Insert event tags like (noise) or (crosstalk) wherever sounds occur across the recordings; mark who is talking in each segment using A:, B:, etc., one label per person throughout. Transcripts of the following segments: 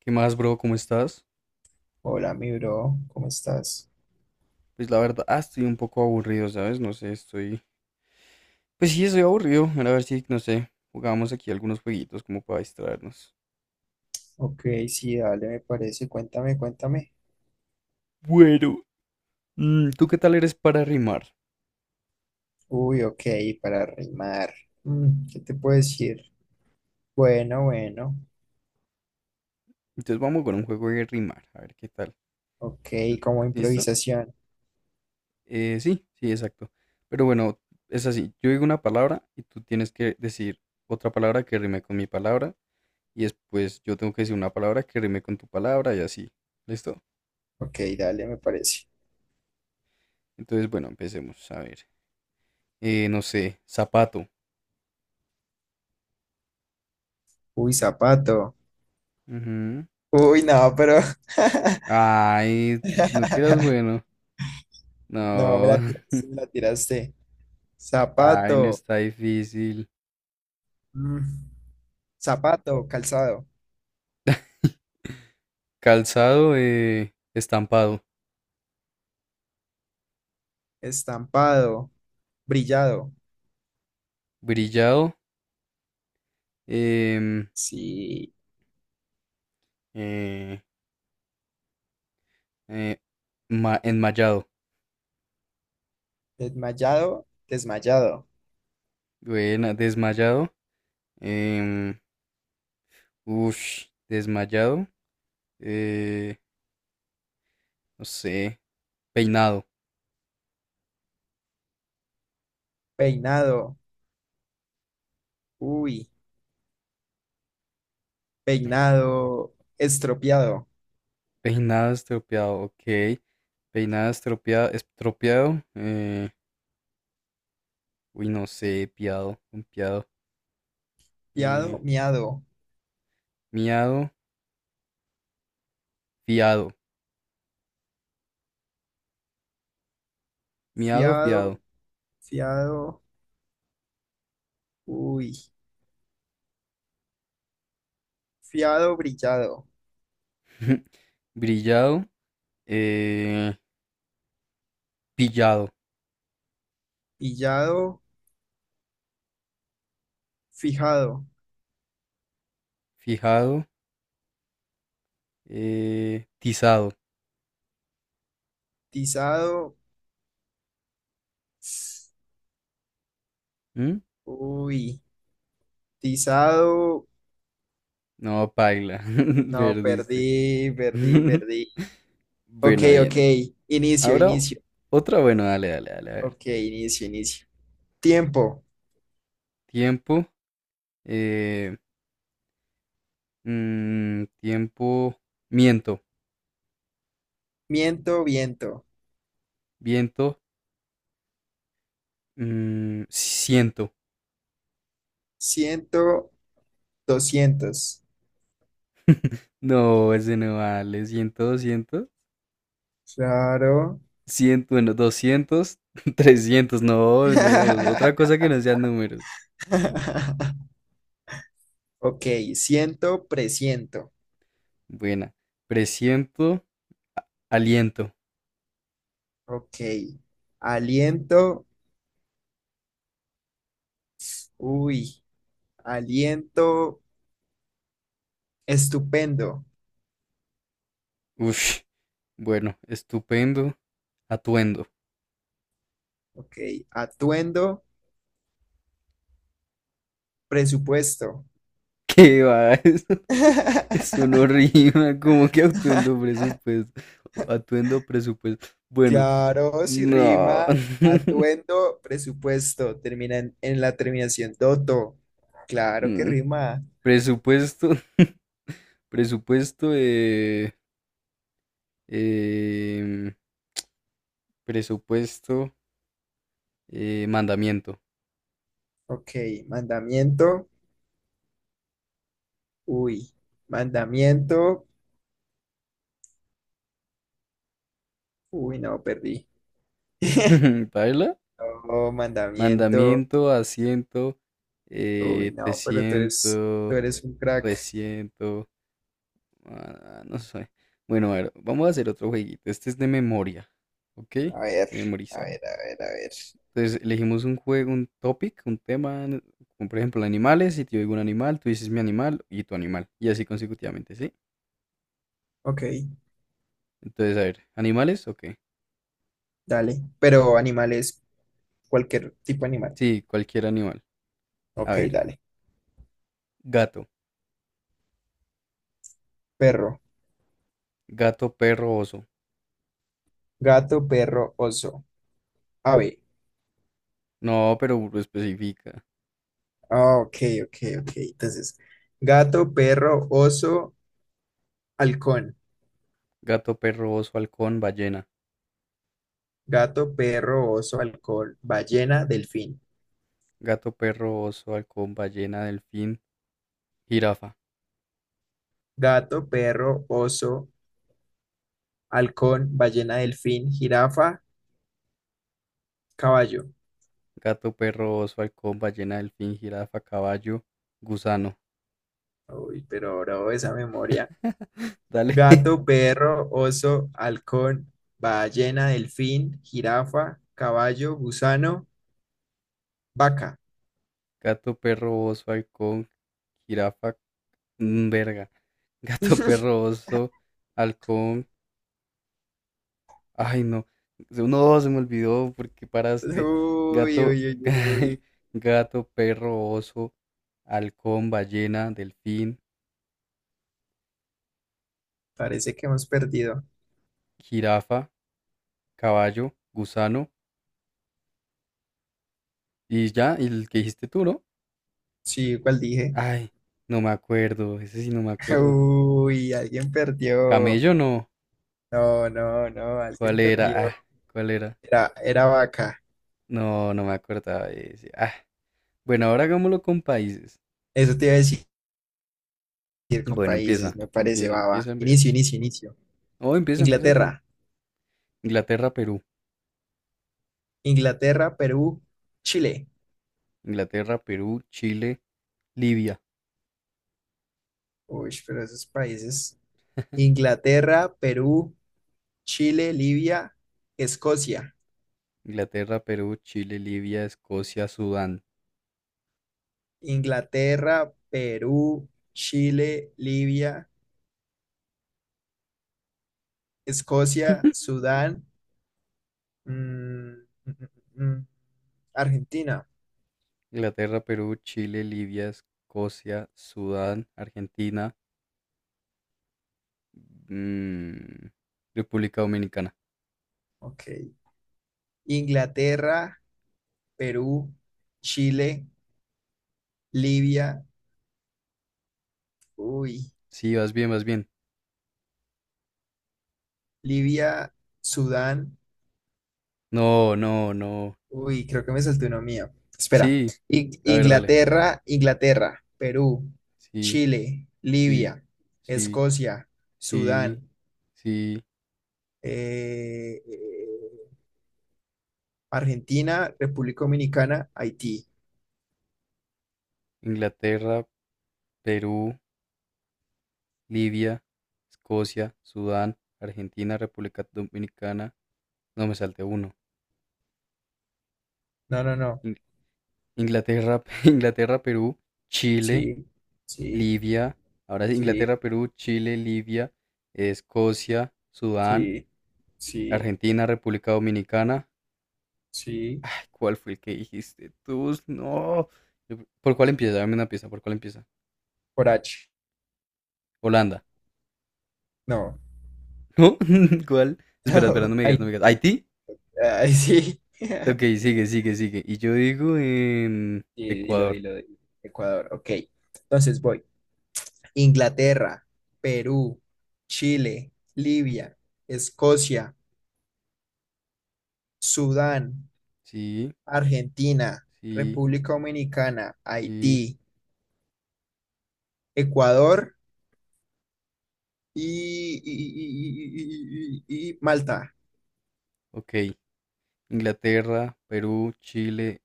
A: ¿Qué más, bro? ¿Cómo estás?
B: Hola, mi bro, ¿cómo estás?
A: Pues la verdad, estoy un poco aburrido, ¿sabes? No sé, Pues sí, estoy aburrido. Era A ver si, no sé, jugamos aquí algunos jueguitos como para distraernos.
B: Ok, sí, dale, me parece. Cuéntame, cuéntame.
A: Bueno, ¿tú qué tal eres para rimar?
B: Uy, ok, para rimar. Mm, ¿qué te puedo decir? Bueno, bueno.
A: Entonces vamos con un juego de rimar, a ver qué tal.
B: Ok, como
A: ¿Listo?
B: improvisación.
A: Sí, sí, exacto. Pero bueno, es así, yo digo una palabra y tú tienes que decir otra palabra que rime con mi palabra y después yo tengo que decir una palabra que rime con tu palabra y así. ¿Listo?
B: Ok, dale, me parece.
A: Entonces, bueno, empecemos, a ver. No sé, zapato.
B: Uy, zapato.
A: Ujú.
B: Uy, no, pero.
A: Ay, no que eras
B: (laughs)
A: bueno.
B: No, me la
A: No, (laughs)
B: tiraste, me la tiraste.
A: ay, no
B: Zapato.
A: está difícil.
B: Mm, zapato, calzado.
A: Calzado, estampado.
B: Estampado, brillado.
A: Brillado, em,
B: Sí.
A: eh, eh, enmayado.
B: Desmayado, desmayado.
A: Buena, desmayado. em, ush, desmayado. eh, no sé, peinado.
B: Peinado, uy. Peinado, estropeado.
A: Peinado estropeado, ok. Peinado estropeado, estropeado. Uy, no sé, piado, un piado. eh,
B: Fiado, miado.
A: miado, fiado, miado, fiado,
B: Fiado, fiado, uy. Fiado, brillado.
A: (laughs) brillado, eh, pillado,
B: Pillado, fijado.
A: fijado, tizado.
B: Tizado,
A: ¿Mm?
B: uy. Tizado,
A: No, paila, (laughs)
B: no,
A: perdiste.
B: perdí, perdí,
A: (laughs)
B: perdí. Ok,
A: Bueno,
B: ok.
A: bien.
B: Inicio,
A: Ahora
B: inicio.
A: otra, bueno, dale, dale, dale, a ver.
B: Ok, inicio, inicio. Tiempo.
A: Tiempo, eh, tiempo, miento,
B: Miento, viento.
A: viento, siento.
B: Ciento, doscientos.
A: No, ese no vale, siento, 200
B: Claro.
A: 100, bueno, 200 (laughs) 300 no, no, otra
B: (laughs)
A: cosa que no sean números.
B: Ujú. Ok, siento, presiento.
A: Buena. Presiento, aliento.
B: Ok, aliento, uy, aliento, estupendo.
A: Uf, bueno, estupendo, atuendo.
B: Ok, atuendo, presupuesto.
A: ¿Qué va? (laughs) Eso no
B: (laughs)
A: rima, como que atuendo presupuesto. Atuendo presupuesto. Bueno,
B: Claro, si
A: no.
B: rima,
A: (laughs)
B: atuendo, presupuesto. Termina en la terminación doto. Claro que
A: Mm,
B: rima.
A: Presupuesto, (laughs) presupuesto, em, presupuesto. Mandamiento.
B: Ok, mandamiento, uy, mandamiento, uy, no, perdí. (laughs)
A: (laughs) ¿Paila?
B: Oh, mandamiento.
A: Mandamiento, asiento,
B: Uy,
A: te
B: no, pero tú
A: siento,
B: eres un crack.
A: resiento. No sé. Bueno, a ver, vamos a hacer otro jueguito. Este es de memoria, ¿ok? De
B: A ver, a
A: memorizar.
B: ver, a ver, a ver.
A: Entonces, elegimos un juego, un topic, un tema, como por ejemplo animales. Si te digo un animal, tú dices mi animal y tu animal. Y así consecutivamente, ¿sí?
B: Ok,
A: Entonces, a ver, ¿animales o
B: dale. Pero animales, cualquier tipo de animal.
A: Sí, cualquier animal. A
B: Ok,
A: ver,
B: dale.
A: gato,
B: Perro,
A: gato, perro, oso.
B: gato, perro, oso, ave.
A: No, pero especifica.
B: Ah, ok, ok, ok. Entonces, gato, perro, oso, halcón.
A: Gato, perro, oso, halcón, ballena.
B: Gato, perro, oso, halcón, ballena, delfín.
A: Gato, perro, oso, halcón, ballena, delfín, jirafa.
B: Gato, perro, oso, halcón, ballena, delfín, jirafa, caballo.
A: Gato, perro, oso, halcón, ballena, delfín, jirafa, caballo, gusano.
B: Uy, pero bro, esa memoria.
A: (laughs) Dale. (laughs)
B: Gato, perro, oso, halcón, ballena, delfín, jirafa, caballo, gusano, vaca.
A: Gato, perro, oso, halcón, jirafa, verga. (laughs) Gato,
B: (laughs)
A: perro, oso, halcón. Ay, no. No, se me olvidó porque paraste.
B: Uy,
A: Gato,
B: uy, uy, uy.
A: (laughs) gato, perro, oso, halcón, ballena, delfín,
B: Parece que hemos perdido.
A: jirafa, caballo, gusano y ya, y el que dijiste tú, ¿no?
B: Sí, ¿cuál dije?
A: Ay, no me acuerdo, ese sí no me
B: (laughs)
A: acuerdo.
B: Uy, alguien perdió.
A: Camello no,
B: No, no, no,
A: ¿cuál
B: alguien perdió.
A: era? Ah, ¿cuál era?
B: Era, era vaca.
A: No, no me acordaba de ese. Ah, bueno, ahora hagámoslo con países.
B: Eso te iba a decir con
A: Bueno,
B: países,
A: empieza,
B: me parece,
A: empieza,
B: baba.
A: empieza a ver.
B: Inicio, inicio, inicio.
A: Oh, empieza, empieza tú.
B: Inglaterra,
A: Inglaterra, Perú.
B: Inglaterra, Perú, Chile.
A: Inglaterra, Perú, Chile, Libia.
B: Uy, pero esos países. Inglaterra, Perú, Chile, Libia, Escocia.
A: Inglaterra, Perú, Chile, Libia, Escocia, Sudán.
B: Inglaterra, Perú, Chile, Libia, Escocia,
A: (laughs)
B: Sudán, mm, mm, mm, mm, Argentina.
A: Inglaterra, Perú, Chile, Libia, Escocia, Sudán, Argentina, Mm, República Dominicana.
B: Ok. Inglaterra, Perú, Chile, Libia. Uy,
A: Sí, vas bien, vas bien.
B: Libia, Sudán.
A: No, no, no.
B: Uy, creo que me salté uno mío. Espera.
A: Sí. A ver, dale.
B: Inglaterra, Inglaterra, Perú,
A: Sí,
B: Chile,
A: sí,
B: Libia,
A: sí,
B: Escocia,
A: sí,
B: Sudán,
A: sí.
B: eh, eh, Argentina, República Dominicana, Haití.
A: Inglaterra, Perú, Libia, Escocia, Sudán, Argentina, República Dominicana. No me salte uno.
B: No, no, no.
A: In- Inglaterra, (laughs) Inglaterra, Perú, Chile,
B: Sí, sí,
A: Libia. Ahora es
B: sí,
A: Inglaterra, Perú, Chile, Libia, Escocia, Sudán,
B: sí, sí,
A: Argentina, República Dominicana.
B: sí.
A: Ay, ¿cuál fue el que dijiste tú? No. ¿Por cuál empieza? Dame una pieza. ¿Por cuál empieza?
B: Por H.
A: Holanda.
B: No.
A: ¿No? (laughs) ¿Cuál? Espera, espera, no
B: (laughs)
A: me digas, no
B: Ay,
A: me digas. ¿Haití?
B: ay, sí. (laughs)
A: Ok, sigue, sigue, sigue. Y yo digo
B: Y dilo,
A: Ecuador.
B: dilo, dilo. Ecuador. Ok. Entonces voy. Inglaterra, Perú, Chile, Libia, Escocia, Sudán,
A: Sí,
B: Argentina,
A: sí,
B: República Dominicana,
A: sí.
B: Haití, Ecuador y, y Malta.
A: Ok. Inglaterra, Perú, Chile,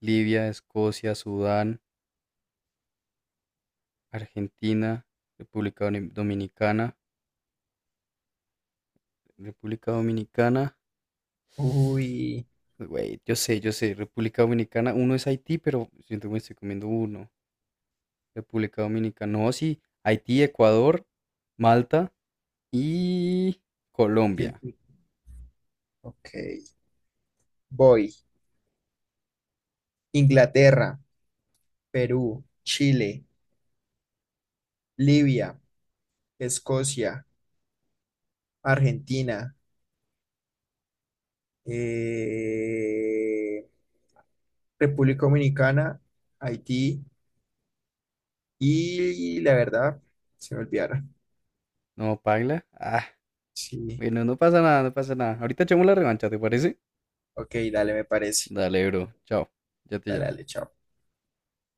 A: Libia, Escocia, Sudán, Argentina, República Dominicana. República Dominicana.
B: Uy,
A: Güey, yo sé, República Dominicana, uno es Haití, pero siento que me estoy comiendo uno. República Dominicana, no, sí, Haití, Ecuador, Malta y
B: y el-
A: Colombia.
B: ok. Voy. Inglaterra, Perú, Chile, Libia, Escocia, Argentina, eh, República Dominicana, Haití. Y la verdad, se me olvidaron.
A: No, paila. Ah,
B: Sí,
A: bueno, no pasa nada, no pasa nada. Ahorita echamos la revancha, ¿te parece?
B: ok, dale, me parece.
A: Dale, bro, chao, ya te
B: Dale,
A: llamo.
B: dale, chao.